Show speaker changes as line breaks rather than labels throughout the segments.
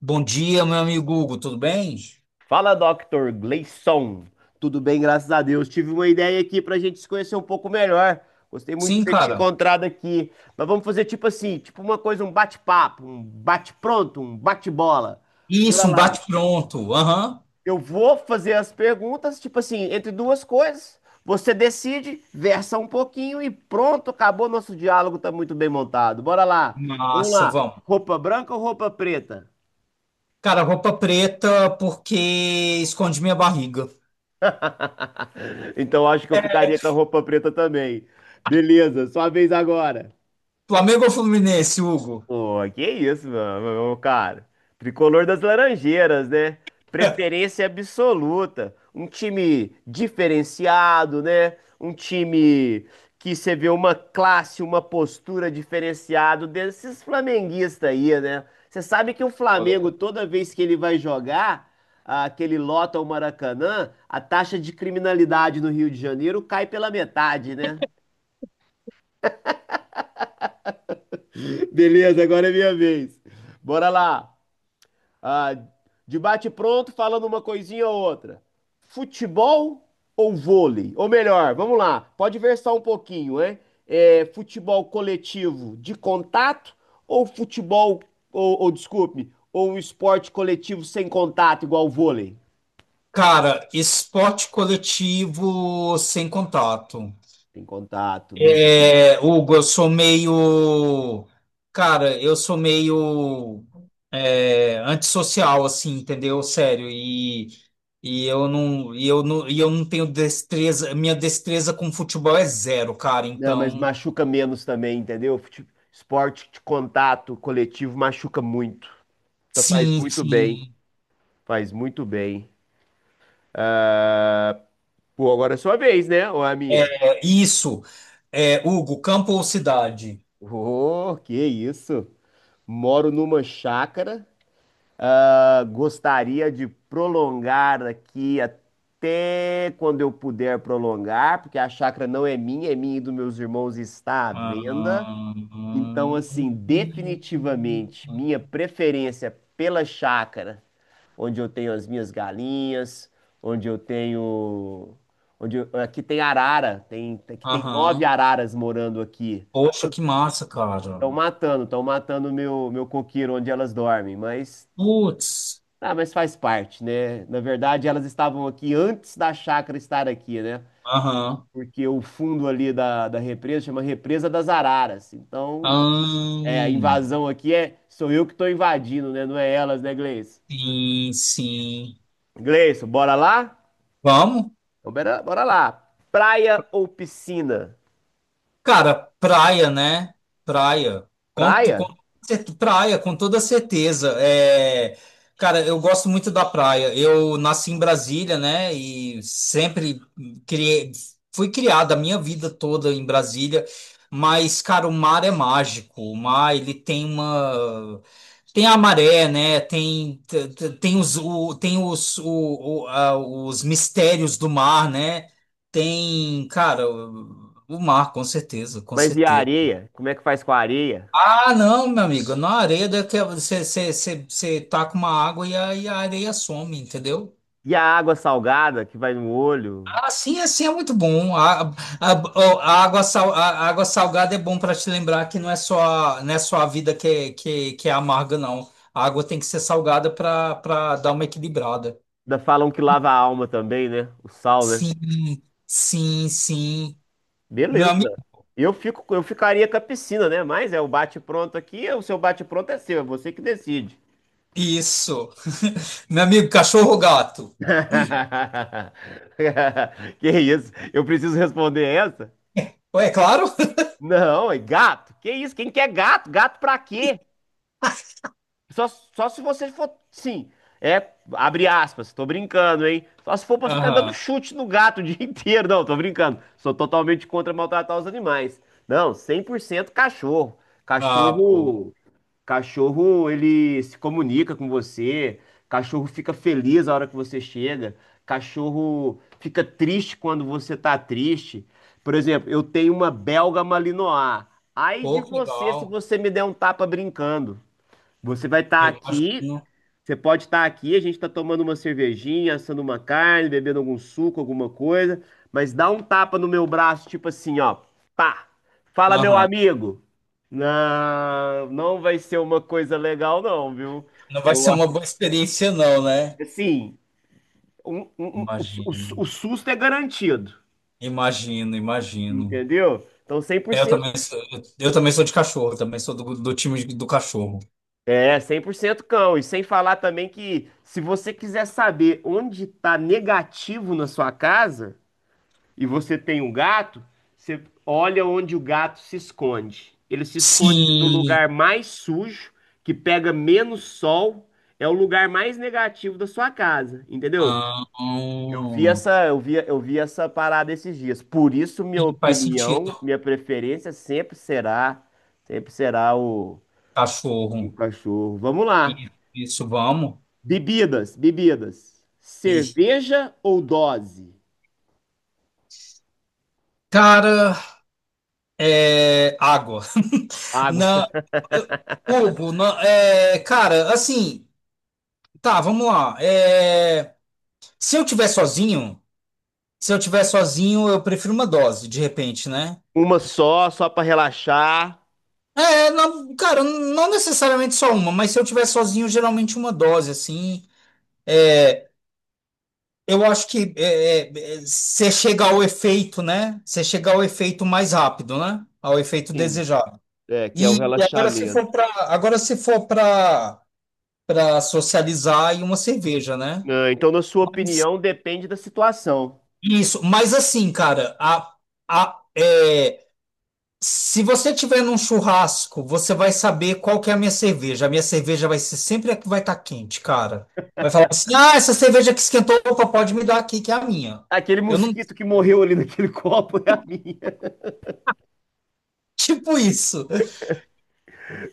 Bom dia, meu amigo Hugo, tudo bem?
Fala, Dr. Gleison. Tudo bem, graças a Deus. Tive uma ideia aqui pra gente se conhecer um pouco melhor. Gostei muito de
Sim,
ter te
cara.
encontrado aqui. Mas vamos fazer tipo assim, tipo uma coisa, um bate-papo, um bate-pronto, um bate-bola.
Isso,
Bora
um
lá.
bate-pronto. Aham.
Eu vou fazer as perguntas, tipo assim, entre duas coisas. Você decide, versa um pouquinho e pronto, acabou. Nosso diálogo tá muito bem montado. Bora lá. Vamos
Massa,
lá.
vamos.
Roupa branca ou roupa preta?
Cara, roupa preta porque esconde minha barriga.
Então acho que eu ficaria com a roupa preta também. Beleza, sua vez agora.
Flamengo ou Fluminense, Hugo?
Pô, que isso, mano? Meu cara. Tricolor das Laranjeiras, né? Preferência absoluta. Um time diferenciado, né? Um time que você vê uma classe, uma postura diferenciado desses flamenguistas aí, né? Você sabe que o
Olha,
Flamengo,
cara,
toda vez que ele vai jogar, que ele lota o Maracanã, a taxa de criminalidade no Rio de Janeiro cai pela metade, né? Beleza, agora é minha vez. Bora lá. Ah, de bate-pronto, falando uma coisinha ou outra. Futebol ou vôlei? Ou melhor, vamos lá, pode versar um pouquinho, né? É, futebol coletivo de contato ou futebol, ou desculpe, ou um esporte coletivo sem contato, igual o vôlei?
Esporte coletivo sem contato.
Tem contato, beleza.
É, Hugo, eu sou meio. Cara, eu sou meio. É, antissocial, assim, entendeu? Sério. E eu não tenho destreza. Minha destreza com futebol é zero, cara.
Não, mas
Então,
machuca menos também, entendeu? Esporte de contato coletivo machuca muito. Então, faz
sim,
muito bem,
sim.
faz muito bem. Ah, pô, agora é sua vez, né? Ou é a minha?
É isso. É, Hugo, campo ou cidade?
Oh, que isso! Moro numa chácara. Ah, gostaria de prolongar aqui até quando eu puder prolongar, porque a chácara não é minha, é minha e dos meus irmãos e está à venda. Então,
Aham.
assim, definitivamente, minha preferência pela chácara onde eu tenho as minhas galinhas, onde eu tenho, onde eu- aqui tem arara, tem aqui tem nove
Aham.
araras morando aqui.
Poxa, que massa, cara.
Estão matando meu coqueiro onde elas dormem, mas
Putz.
ah, mas faz parte, né? Na verdade, elas estavam aqui antes da chácara estar aqui, né?
Aham.
Porque o fundo ali da represa chama Represa das Araras. Então, é, a
Ahn,
invasão aqui é sou eu que estou invadindo, né? Não é elas, né, Gleice?
sim, sim.
Gleison, bora lá?
Vamos.
Então, bora, bora lá. Praia ou piscina?
Cara, praia, né? Praia. Com
Praia?
praia, com toda certeza. É, cara, eu gosto muito da praia. Eu nasci em Brasília, né? E sempre criei, fui criada a minha vida toda em Brasília. Mas, cara, o mar é mágico. O mar, ele tem uma. Tem, a maré, né? Tem os, o, tem os, o- a- os mistérios do mar, né? Tem, cara, o mar, com certeza, com
Mas e a
certeza.
areia? Como é que faz com a areia?
Ah, não, meu amigo, na areia daqui você taca uma água e a areia some, entendeu?
E a água salgada que vai no olho?
Ah, sim, assim é muito bom. A, a água salgada é bom para te lembrar que não é só a vida que é amarga, não. A água tem que ser salgada para dar uma equilibrada.
Ainda falam que lava a alma também, né? O sal, né?
Sim, sim, sim. Meu
Beleza.
amigo,
Eu ficaria com a piscina, né? Mas é o bate-pronto aqui, é o seu bate-pronto é seu, é você que decide.
isso. Meu amigo, cachorro ou gato?
Que isso? Eu preciso responder essa?
Ué, é claro.
Não, é gato. Que isso? Quem quer gato? Gato pra quê? Só se você for, sim, é, abre aspas, tô brincando, hein? Só se for pra ficar dando
Aham.
chute no gato o dia inteiro. Não, tô brincando. Sou totalmente contra maltratar os animais. Não, 100% cachorro.
Ah, pô.
Cachorro, cachorro, ele se comunica com você. Cachorro fica feliz a hora que você chega. Cachorro fica triste quando você tá triste. Por exemplo, eu tenho uma belga malinois. Ai de
Pô, que
você se
legal.
você me der um tapa brincando. Você vai estar
Eu
aqui,
imagino.
você pode estar aqui, a gente está tomando uma cervejinha, assando uma carne, bebendo algum suco, alguma coisa, mas dá um tapa no meu braço, tipo assim, ó, pá, fala meu
Aham.
amigo. Não, não vai ser uma coisa legal não, viu?
Não vai ser
Eu
uma
acho
boa experiência, não, né?
que, assim,
Imagino.
o susto é garantido,
Imagino, imagino.
entendeu? Então, cem por
Eu
cento,
também sou, eu também sou de cachorro, também sou do time do cachorro.
É, 100% cão. E sem falar também que se você quiser saber onde tá negativo na sua casa, e você tem um gato, você olha onde o gato se esconde. Ele se esconde no
Sim.
lugar mais sujo, que pega menos sol, é o lugar mais negativo da sua casa, entendeu?
Ah,
Eu vi
hum.
essa, eu vi, eu vi essa parada esses dias. Por isso, minha
Sim, faz
opinião,
sentido.
minha preferência sempre será o
Cachorro.
cachorro. Vamos lá.
Isso, vamos.
Bebidas, bebidas.
Ih.
Cerveja ou dose?
Cara, é água.
Água.
Não, eu- Hugo, não, cara, assim. Tá, vamos lá. Se eu tiver sozinho, se eu tiver sozinho, eu prefiro uma dose, de repente, né?
Uma só, só para relaxar.
Não, cara, não necessariamente só uma, mas se eu tiver sozinho, geralmente uma dose, assim. É, Eu acho que você chega ao efeito, né? Você chega ao efeito mais rápido, né? Ao efeito
Sim.
desejado.
É, que é o
E
relaxamento.
agora se for para socializar e uma cerveja, né?
Ah, então, na sua
Mas-
opinião, depende da situação.
Isso. Mas assim, cara, a, é, se você tiver num churrasco, você vai saber qual que é a minha cerveja. A minha cerveja vai ser sempre a que vai estar quente, cara. Vai falar assim: ah, essa cerveja que esquentou, opa, pode me dar aqui, que é a minha.
Aquele
Eu não.
mosquito que morreu ali naquele copo é a minha.
Tipo isso.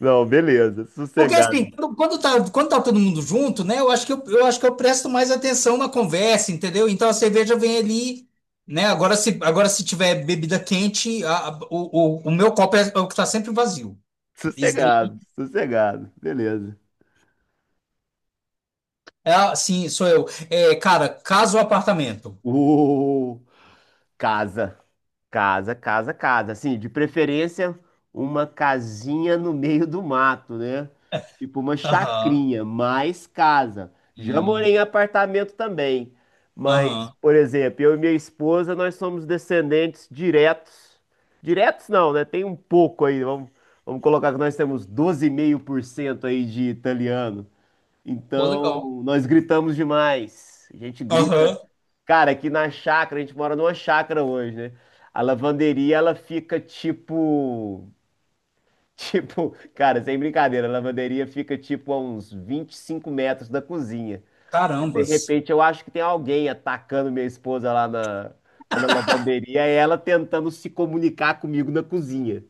Não, beleza.
Porque
Sossegado.
assim, quando tá todo mundo junto, né? Eu acho que eu presto mais atenção na conversa, entendeu? Então a cerveja vem ali, né? Agora se tiver bebida quente, o meu copo é o que tá sempre vazio. Isso.
Sossegado. Sossegado. Beleza.
Ah, sim, sou eu. Cara, casa ou apartamento?
Uh, Casa. Casa, casa, casa. Assim, de preferência, uma casinha no meio do mato, né? Tipo uma
Aham.
chacrinha, mais casa. Já morei
Hum.
em apartamento também. Mas,
Aham.
por exemplo, eu e minha esposa, nós somos descendentes diretos. Diretos não, né? Tem um pouco aí. Vamos colocar que nós temos 12,5% aí de italiano.
Pô, legal.
Então, nós gritamos demais. A gente grita.
Aham.
Cara, aqui na chácara, a gente mora numa chácara hoje, né? A lavanderia, ela fica tipo. Tipo, cara, sem brincadeira, a lavanderia fica tipo a uns 25 metros da cozinha. De
Carambas.
repente, eu acho que tem alguém atacando minha esposa lá na lavanderia e ela tentando se comunicar comigo na cozinha.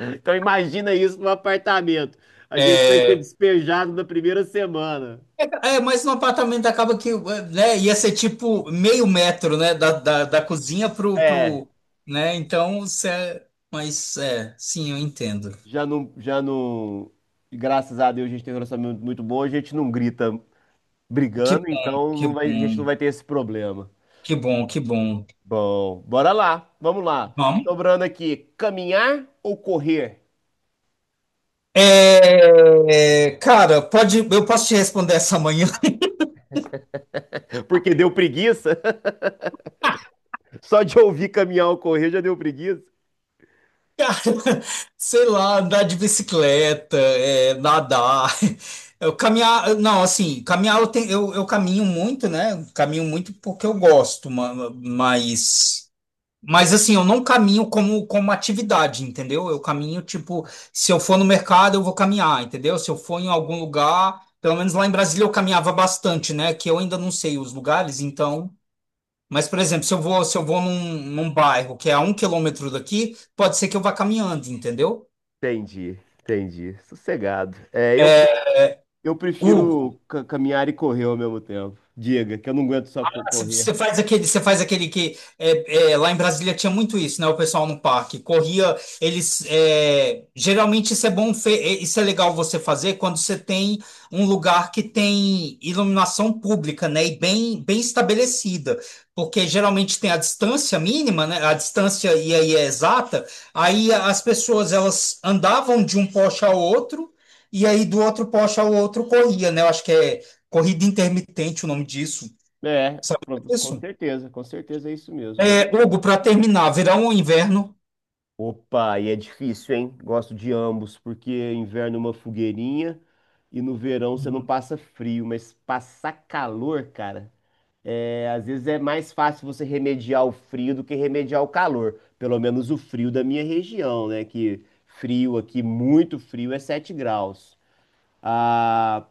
Então, imagina isso no apartamento. A gente vai ser
É,
despejado na primeira semana.
mas no apartamento acaba que, né, ia ser tipo meio metro, né, da cozinha pro,
É,
pro, né, então, cê, mas, sim, eu entendo.
já não, já não. Graças a Deus a gente tem um relacionamento muito bom, a gente não grita
Que
brigando,
bom,
então
que
a gente não
bom,
vai ter esse problema.
que bom, que bom.
Bom, bora lá, vamos lá.
Vamos?
Sobrando aqui, caminhar ou correr?
Cara, eu posso te responder essa manhã?
Porque deu preguiça. Só de ouvir caminhar ou correr já deu preguiça.
Sei lá, andar de bicicleta, nadar. Eu caminhar, não, assim, caminhar eu, eu caminho muito, né? Caminho muito porque eu gosto, mas assim, eu não caminho como atividade, entendeu? Eu caminho, tipo, se eu for no mercado, eu vou caminhar, entendeu? Se eu for em algum lugar, pelo menos lá em Brasília eu caminhava bastante, né? Que eu ainda não sei os lugares, então. Mas, por exemplo, se eu vou num bairro que é a 1 quilômetro daqui, pode ser que eu vá caminhando, entendeu?
Entendi, entendi. Sossegado. É, eu
Hugo.
prefiro caminhar e correr ao mesmo tempo. Diga, que eu não aguento só
Ah, você
correr.
você faz aquele, você faz aquele que é, lá em Brasília tinha muito isso, né? O pessoal no parque corria, geralmente isso é bom, isso é legal você fazer quando você tem um lugar que tem iluminação pública, né? E bem, bem estabelecida, porque geralmente tem a distância mínima, né? A distância e aí é exata. Aí as pessoas elas andavam de um poste ao outro e aí do outro poste ao outro corria, né? Eu acho que é corrida intermitente o nome disso.
É,
Sabe isso?
com certeza é isso mesmo. Gosto.
Hugo, para terminar, verão ou inverno?
Opa, e é difícil, hein? Gosto de ambos, porque inverno é uma fogueirinha e no verão você não passa frio, mas passar calor, cara, é, às vezes é mais fácil você remediar o frio do que remediar o calor. Pelo menos o frio da minha região, né? Que frio aqui, muito frio, é 7 graus. Ah,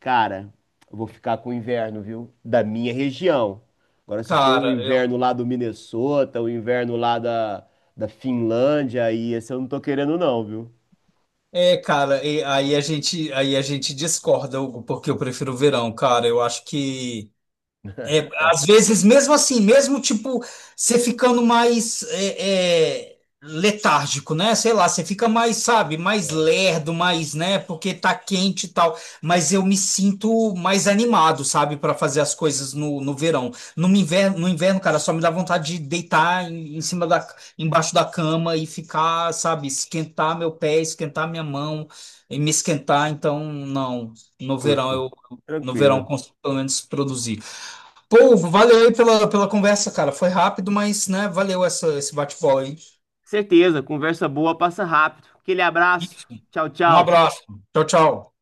cara, eu vou ficar com o inverno, viu? Da minha região. Agora, se for o
Cara, eu.
inverno lá do Minnesota, o inverno lá da Finlândia, aí esse eu não tô querendo não, viu?
Cara, aí a gente discorda, Hugo, porque eu prefiro o verão, cara. Eu acho que, às vezes, mesmo assim, mesmo tipo, você ficando mais letárgico, né? Sei lá, você fica mais, sabe, mais lerdo, mais, né? Porque tá quente e tal. Mas eu me sinto mais animado, sabe, para fazer as coisas no verão. No inverno, no inverno, cara, só me dá vontade de deitar embaixo da cama e ficar, sabe, esquentar meu pé, esquentar minha mão e me esquentar. Então, não, no verão
Justo.
eu, no verão
Tranquilo.
eu consigo pelo menos produzir. Pô, valeu aí pela conversa, cara. Foi rápido, mas, né, valeu esse bate-bola aí.
Certeza, conversa boa, passa rápido. Aquele
E
abraço. Tchau,
um
tchau.
abraço. Tchau, tchau.